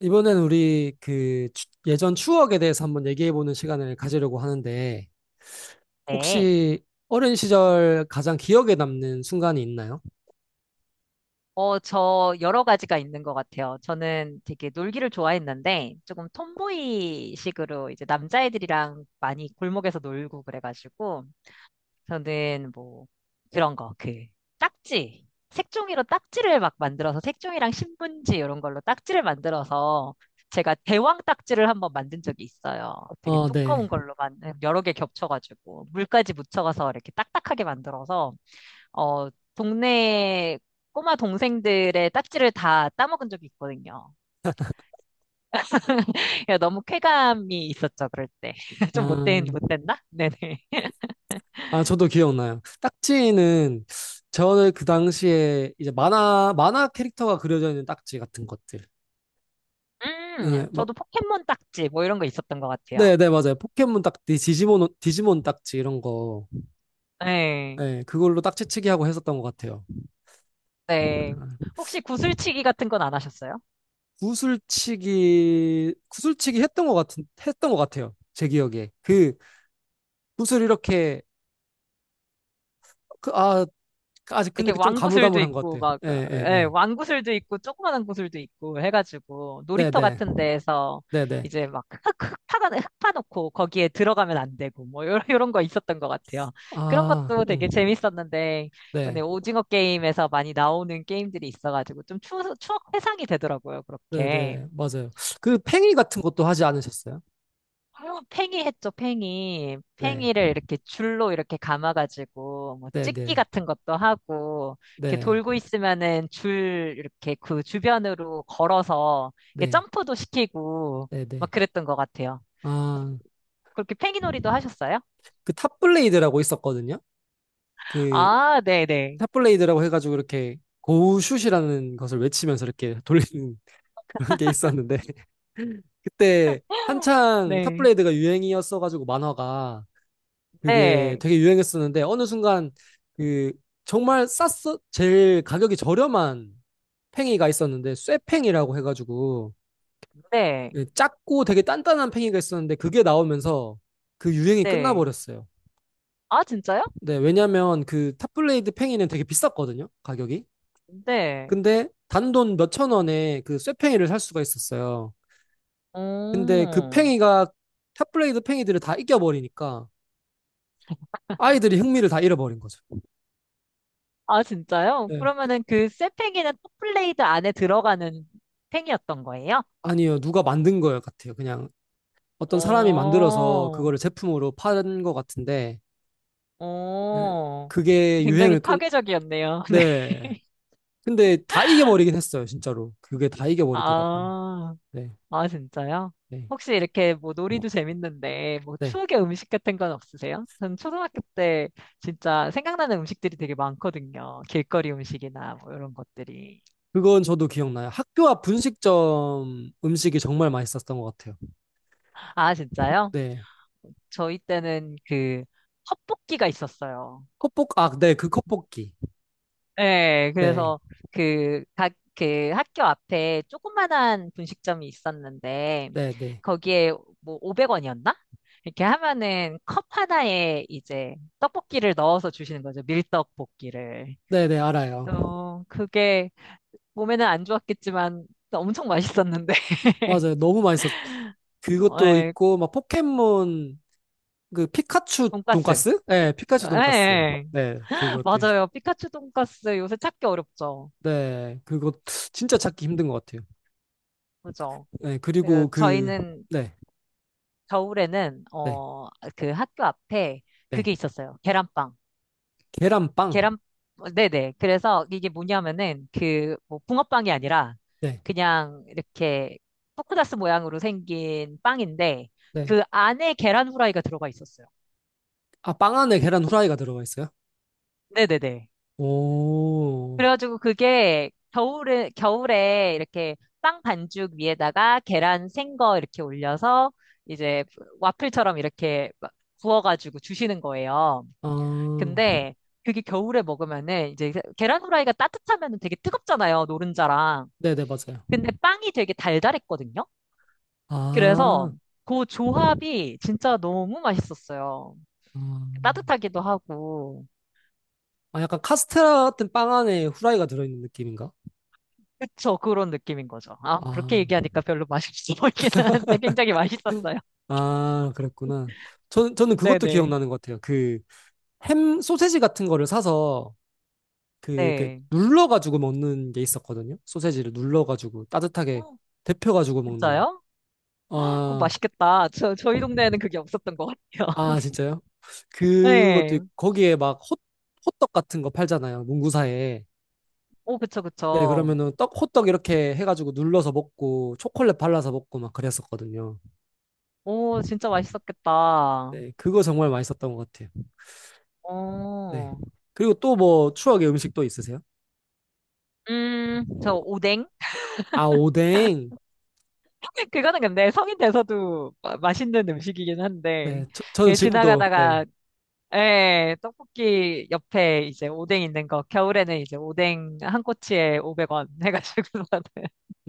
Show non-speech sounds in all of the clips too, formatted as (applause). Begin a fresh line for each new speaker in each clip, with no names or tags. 이번엔 우리 예전 추억에 대해서 한번 얘기해보는 시간을 가지려고 하는데,
네.
혹시 어린 시절 가장 기억에 남는 순간이 있나요?
저 여러 가지가 있는 것 같아요. 저는 되게 놀기를 좋아했는데 조금 톰보이식으로 이제 남자애들이랑 많이 골목에서 놀고 그래가지고 저는 뭐 그런 거, 그 딱지. 색종이로 딱지를 막 만들어서 색종이랑 신문지 이런 걸로 딱지를 만들어서 제가 대왕 딱지를 한번 만든 적이 있어요. 되게
어,
두꺼운
네.
걸로 만 여러 개 겹쳐가지고 물까지 묻혀가서 이렇게 딱딱하게 만들어서 어, 동네 꼬마 동생들의 딱지를 다 따먹은 적이 있거든요. 그래서 너무 쾌감이 있었죠, 그럴 때. (laughs) 좀 못된,
아,
못됐나? 네네.
아, 저도 기억나요. 딱지는 저는 그 당시에 이제 만화 캐릭터가 그려져 있는 딱지 같은 것들. 네, 막,
저도 포켓몬 딱지 뭐 이런 거 있었던 것 같아요.
네, 네, 맞아요. 포켓몬 딱지, 디지몬 딱지 이런 거.
네,
네, 그걸로 딱지치기 하고 했었던 것 같아요.
네. 혹시 구슬치기 같은 건 안 하셨어요?
구슬치기 했던 것 같아요. 제 기억에 그 구슬 이렇게 그, 아 아직 근데
이렇게
그 좀
왕구슬도
가물가물한 것
있고
같아요.
막 예,
예예예
왕구슬도 있고 조그만한 구슬도 있고 해가지고 놀이터
네네
같은 데에서
네네
이제 막 흙 파놓고 거기에 들어가면 안 되고 뭐 이런 거 있었던 것 같아요. 그런
아
것도 되게 재밌었는데 이번에
네,
오징어 게임에서 많이 나오는 게임들이 있어가지고 좀 추억 회상이 되더라고요.
네,
그렇게.
네, 맞아요. 그 팽이 같은 것도 하지 않으셨어요?
아 팽이 했죠, 팽이.
네,
팽이를 이렇게 줄로 이렇게 감아가지고, 뭐,
네,
찍기
네,
같은 것도 하고, 이렇게
네,
돌고 있으면은 줄, 이렇게 그 주변으로 걸어서, 이렇게
네,
점프도 시키고,
네,
막
네.
그랬던 것 같아요.
아,
그렇게 팽이놀이도 하셨어요?
그 탑블레이드라고 있었거든요. 그
아, 네네.
탑블레이드라고 해가지고 이렇게 고우슛이라는 것을 외치면서 이렇게 돌리는 (laughs) 그런 게 있었는데 그때 한창
네.
탑블레이드가 유행이었어가지고 만화가 그게
네,
되게 유행했었는데 어느 순간 그 정말 쌌어 제일 가격이 저렴한 팽이가 있었는데 쇠팽이라고 해가지고
네,
예, 작고 되게 단단한 팽이가 있었는데 그게 나오면서 그 유행이
네.
끝나버렸어요.
아, 진짜요?
네, 왜냐면 그 탑블레이드 팽이는 되게 비쌌거든요, 가격이.
네.
근데 단돈 몇천 원에 그 쇠팽이를 살 수가 있었어요. 근데 그
오.
팽이가 탑블레이드 팽이들을 다 이겨버리니까 아이들이 흥미를 다 잃어버린 거죠.
아, 진짜요?
네, 그-
그러면은 그 쇠팽이는 톱플레이드 안에 들어가는 팽이였던 거예요?
아니요, 누가 만든 거예요 같아요. 그냥 어떤 사람이 만들어서
어,
그거를 제품으로 파는 것 같은데 네,
어.
그게
굉장히
유행을 끈.
파괴적이었네요. (laughs) 네.
네. 근데 다 이겨버리긴 했어요, 진짜로. 그게 다 이겨버리더라고요.
아,
네,
아, 진짜요?
네,
혹시 이렇게 뭐 놀이도 재밌는데 뭐
네.
추억의 음식 같은 건 없으세요? 전 초등학교 때 진짜 생각나는 음식들이 되게 많거든요. 길거리 음식이나 뭐 이런 것들이.
그건 저도 기억나요. 학교 앞 분식점 음식이 정말 맛있었던 것 같아요.
아, 진짜요?
네.
저희 때는 그 헛볶이가 있었어요.
컵볶, 아, 네, 그 컵볶이.
네,
네,
그래서 그 학교 앞에 조그만한 분식점이 있었는데,
네, 네.
거기에 뭐 500원이었나? 이렇게 하면은 컵 하나에 이제 떡볶이를 넣어서 주시는 거죠. 밀떡볶이를.
네, 네, 알아요.
그게 몸에는 안 좋았겠지만 엄청 맛있었는데.
맞아요.
(laughs)
너무 맛있었. 그것도
예,
있고 막 포켓몬 그 피카츄
돈까스.
돈까스? 네,
예,
피카츄 돈까스.
예.
네, 그것도 있-
맞아요. 피카츄 돈까스 요새 찾기 어렵죠.
네, 그거 진짜 찾기 힘든 것 같아요.
그죠?
네,
그
그리고 그
저희는
네,
겨울에는
네,
그 학교 앞에
네.
그게 있었어요. 계란빵.
계란빵.
계란 어, 네네. 그래서 이게 뭐냐면은 그 뭐 붕어빵이 아니라
네,
그냥 이렇게 포크다스 모양으로 생긴 빵인데
네.
그 안에 계란 후라이가 들어가 있었어요.
아, 빵 안에 계란 후라이가 들어가 있어요?
네네네.
오.
그래가지고 그게 겨울에 이렇게 빵 반죽 위에다가 계란 생거 이렇게 올려서 이제 와플처럼 이렇게 막 구워가지고 주시는 거예요.
아,
근데 그게 겨울에 먹으면은 이제 계란 후라이가 따뜻하면은 되게 뜨겁잖아요, 노른자랑.
네, 네, 맞아요.
근데 빵이 되게 달달했거든요. 그래서
아,
그 조합이 진짜 너무 맛있었어요.
아,
따뜻하기도 하고.
아, 약간 카스테라 같은 빵 안에 후라이가 들어있는 느낌인가?
그쵸, 그런 느낌인 거죠. 아, 그렇게
아,
얘기하니까 별로 맛있어 보이기는 한데 굉장히 맛있었어요.
아, 그렇구나. 저는 그것도
네네.
기억나는 것 같아요. 그, 햄, 소세지 같은 거를 사서 그 이렇게
네.
눌러가지고 먹는 게 있었거든요. 소세지를 눌러가지고 따뜻하게
어,
데펴가지고 먹는.
진짜요? 헉, 그거
아,
맛있겠다. 저희 동네에는 그게 없었던 것 같아요.
아 진짜요?
(laughs)
그것도
네.
있고, 거기에 막 호, 호떡 같은 거 팔잖아요. 문구사에.
오, 그쵸,
네,
그쵸.
그러면은 떡 호떡 이렇게 해가지고 눌러서 먹고 초콜릿 발라서 먹고 막 그랬었거든요.
오, 진짜 맛있었겠다.
네, 그거 정말 맛있었던 것 같아요. 네.
어,
그리고 또 뭐 추억의 음식 또 있으세요?
저 오뎅?
아, 오뎅.
(laughs) 그거는 근데 성인 돼서도 맛있는 음식이긴 한데,
네, 저는
예,
지금도 네,
지나가다가, 예, 떡볶이 옆에 이제 오뎅 있는 거, 겨울에는 이제 오뎅 한 꼬치에 500원 해가지고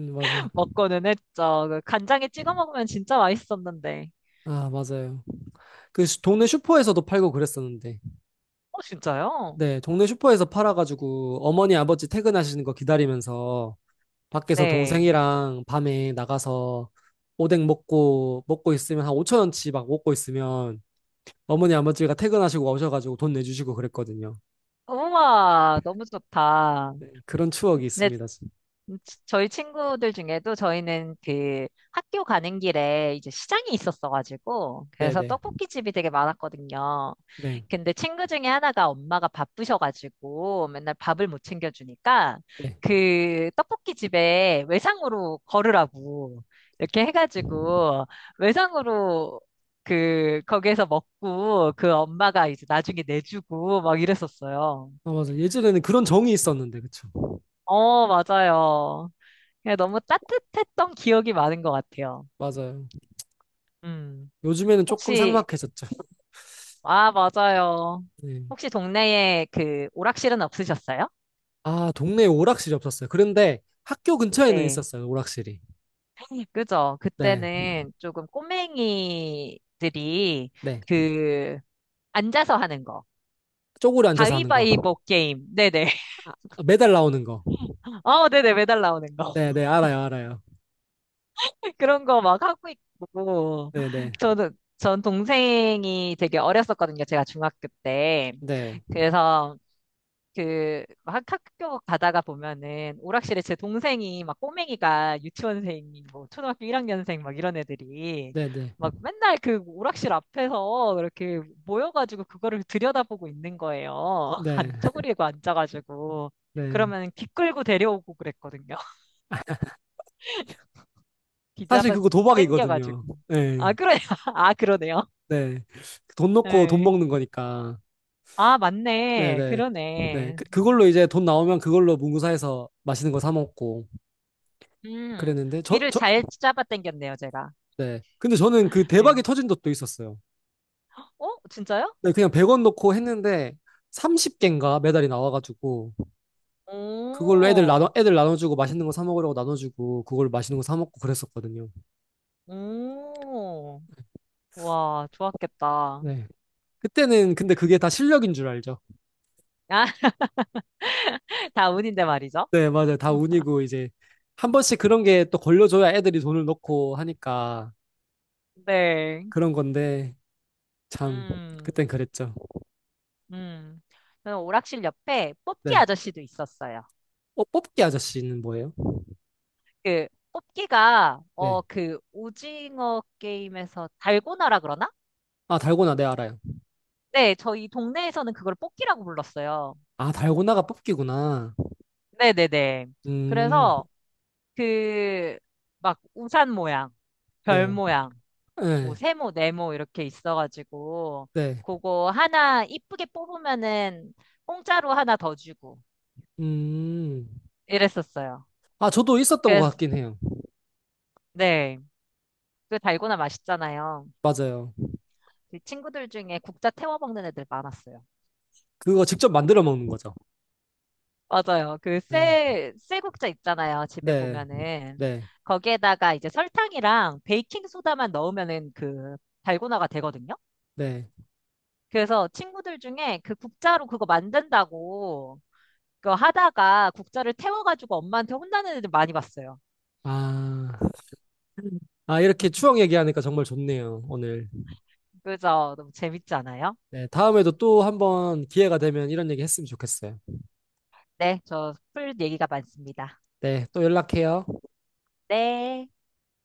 맞아요.
먹고는 했죠. 그 간장에 찍어 먹으면 진짜 맛있었는데.
아, 맞아요. 동네 슈퍼에서도 팔고 그랬었는데.
어, 진짜요?
네, 동네 슈퍼에서 팔아가지고 어머니 아버지 퇴근하시는 거 기다리면서 밖에서
네.
동생이랑 밤에 나가서 오뎅 먹고 있으면 한 5천 원치 막 먹고 있으면 어머니 아버지가 퇴근하시고 오셔가지고 돈 내주시고 그랬거든요.
우와, 너무 좋다.
네, 그런 추억이
근데
있습니다. 진-
저희 친구들 중에도 저희는 그 학교 가는 길에 이제 시장이 있었어가지고
네,
그래서
네,
떡볶이 집이 되게 많았거든요.
네,
근데 친구 중에 하나가 엄마가 바쁘셔가지고 맨날 밥을 못 챙겨주니까
네.
그 떡볶이 집에 외상으로 걸으라고 이렇게 해가지고 외상으로 그 거기에서 먹고 그 엄마가 이제 나중에 내주고 막 이랬었어요.
아, 맞아. 예전에는 그런 정이 있었는데, 그쵸?
어, 맞아요. 그냥 너무 따뜻했던 기억이 많은 것 같아요.
맞아요.
음.
요즘에는 조금
혹시,
삭막해졌죠.
아, 맞아요.
네.
혹시 동네에 그 오락실은 없으셨어요?
아, 동네에 오락실이 없었어요. 그런데 학교 근처에는
네.
있었어요, 오락실이.
그죠.
네,
그때는 조금 꼬맹이들이
네.
그 앉아서 하는 거.
쪼그려 앉아서 하는 거.
가위바위보 게임. 네네.
아, 아, 매달 나오는 거.
(laughs) 어, 네네. 매달 나오는 거.
네, 네, 알아요, 알아요.
(laughs) 그런 거 막 하고 있고.
네, 네,
전 동생이 되게 어렸었거든요. 제가 중학교 때.
네,
그래서 그, 막 학교 가다가 보면은 오락실에 제 동생이 막 꼬맹이가 유치원생이 뭐 초등학교 1학년생 막 이런 애들이
네, 네,
막 맨날 그 오락실 앞에서 이렇게 모여가지고 그거를 들여다보고 있는 거예요. (laughs)
네,
안 쪼그리고 앉아가지고.
네.
그러면 귀 끌고 데려오고 그랬거든요. (laughs) 귀
사실
잡아서
그거
땡겨가지고.
도박이거든요.
아,
네,
그래. (laughs) 아, 그러네요.
네. 돈 넣고 돈
네.
먹는 거니까.
아,
네,
맞네.
네, 네.
그러네.
그, 그걸로 이제 돈 나오면 그걸로 문구사에서 맛있는 거 사 먹고
음.
그랬는데 저,
귀를
저,
잘 잡아 당겼네요, 제가.
네. 근데 저는 그
네.
대박이 터진 적도 있었어요.
어? 진짜요?
네, 그냥 100원 넣고 했는데 30개인가 메달이 나와가지고 그걸로
오,
애들 나눠주고 맛있는 거 사 먹으려고 나눠주고 그걸 맛있는 거 사 먹고 그랬었거든요.
오, 와, 좋았겠다.
네. 그때는 근데 그게 다 실력인 줄 알죠.
아, (laughs) 다 운인데 말이죠.
네, 맞아요. 다 운이고 이제 한 번씩 그런 게 또 걸려줘야 애들이 돈을 넣고 하니까
네.
그런 건데 참
음,
그땐 그랬죠.
음. 저는 오락실 옆에 뽑기
네.
아저씨도 있었어요.
어, 뽑기 아저씨는 뭐예요?
그,
네.
오징어 게임에서 달고나라 그러나?
아, 달고나 네 알아요.
네, 저희 동네에서는 그걸 뽑기라고 불렀어요.
아, 달고나가 뽑기구나.
네네네.
음,
그래서, 그, 막, 우산 모양, 별
네.
모양, 뭐
네.
세모, 네모 이렇게 있어가지고
네.
그거 하나 이쁘게 뽑으면은 공짜로 하나 더 주고
음.
이랬었어요.
아, 저도 있었던 것
그래서
같긴 해요.
네, 그 달고나 맛있잖아요.
맞아요.
그 친구들 중에 국자 태워 먹는 애들 많았어요.
그거 직접 만들어 먹는 거죠.
맞아요. 그
음,
쇠국자 있잖아요. 집에
네.
보면은
네.
거기에다가 이제 설탕이랑 베이킹 소다만 넣으면은 그 달고나가 되거든요.
네.
그래서 친구들 중에 그 국자로 그거 만든다고 그거 하다가 국자를 태워가지고 엄마한테 혼나는 애들 많이 봤어요.
아. 아, 이렇게 추억 얘기하니까 정말 좋네요, 오늘.
그죠? 너무 재밌지 않아요?
네, 다음에도 또 한번 기회가 되면 이런 얘기 했으면 좋겠어요.
네, 저 풀 얘기가 많습니다.
네, 또 연락해요.
네.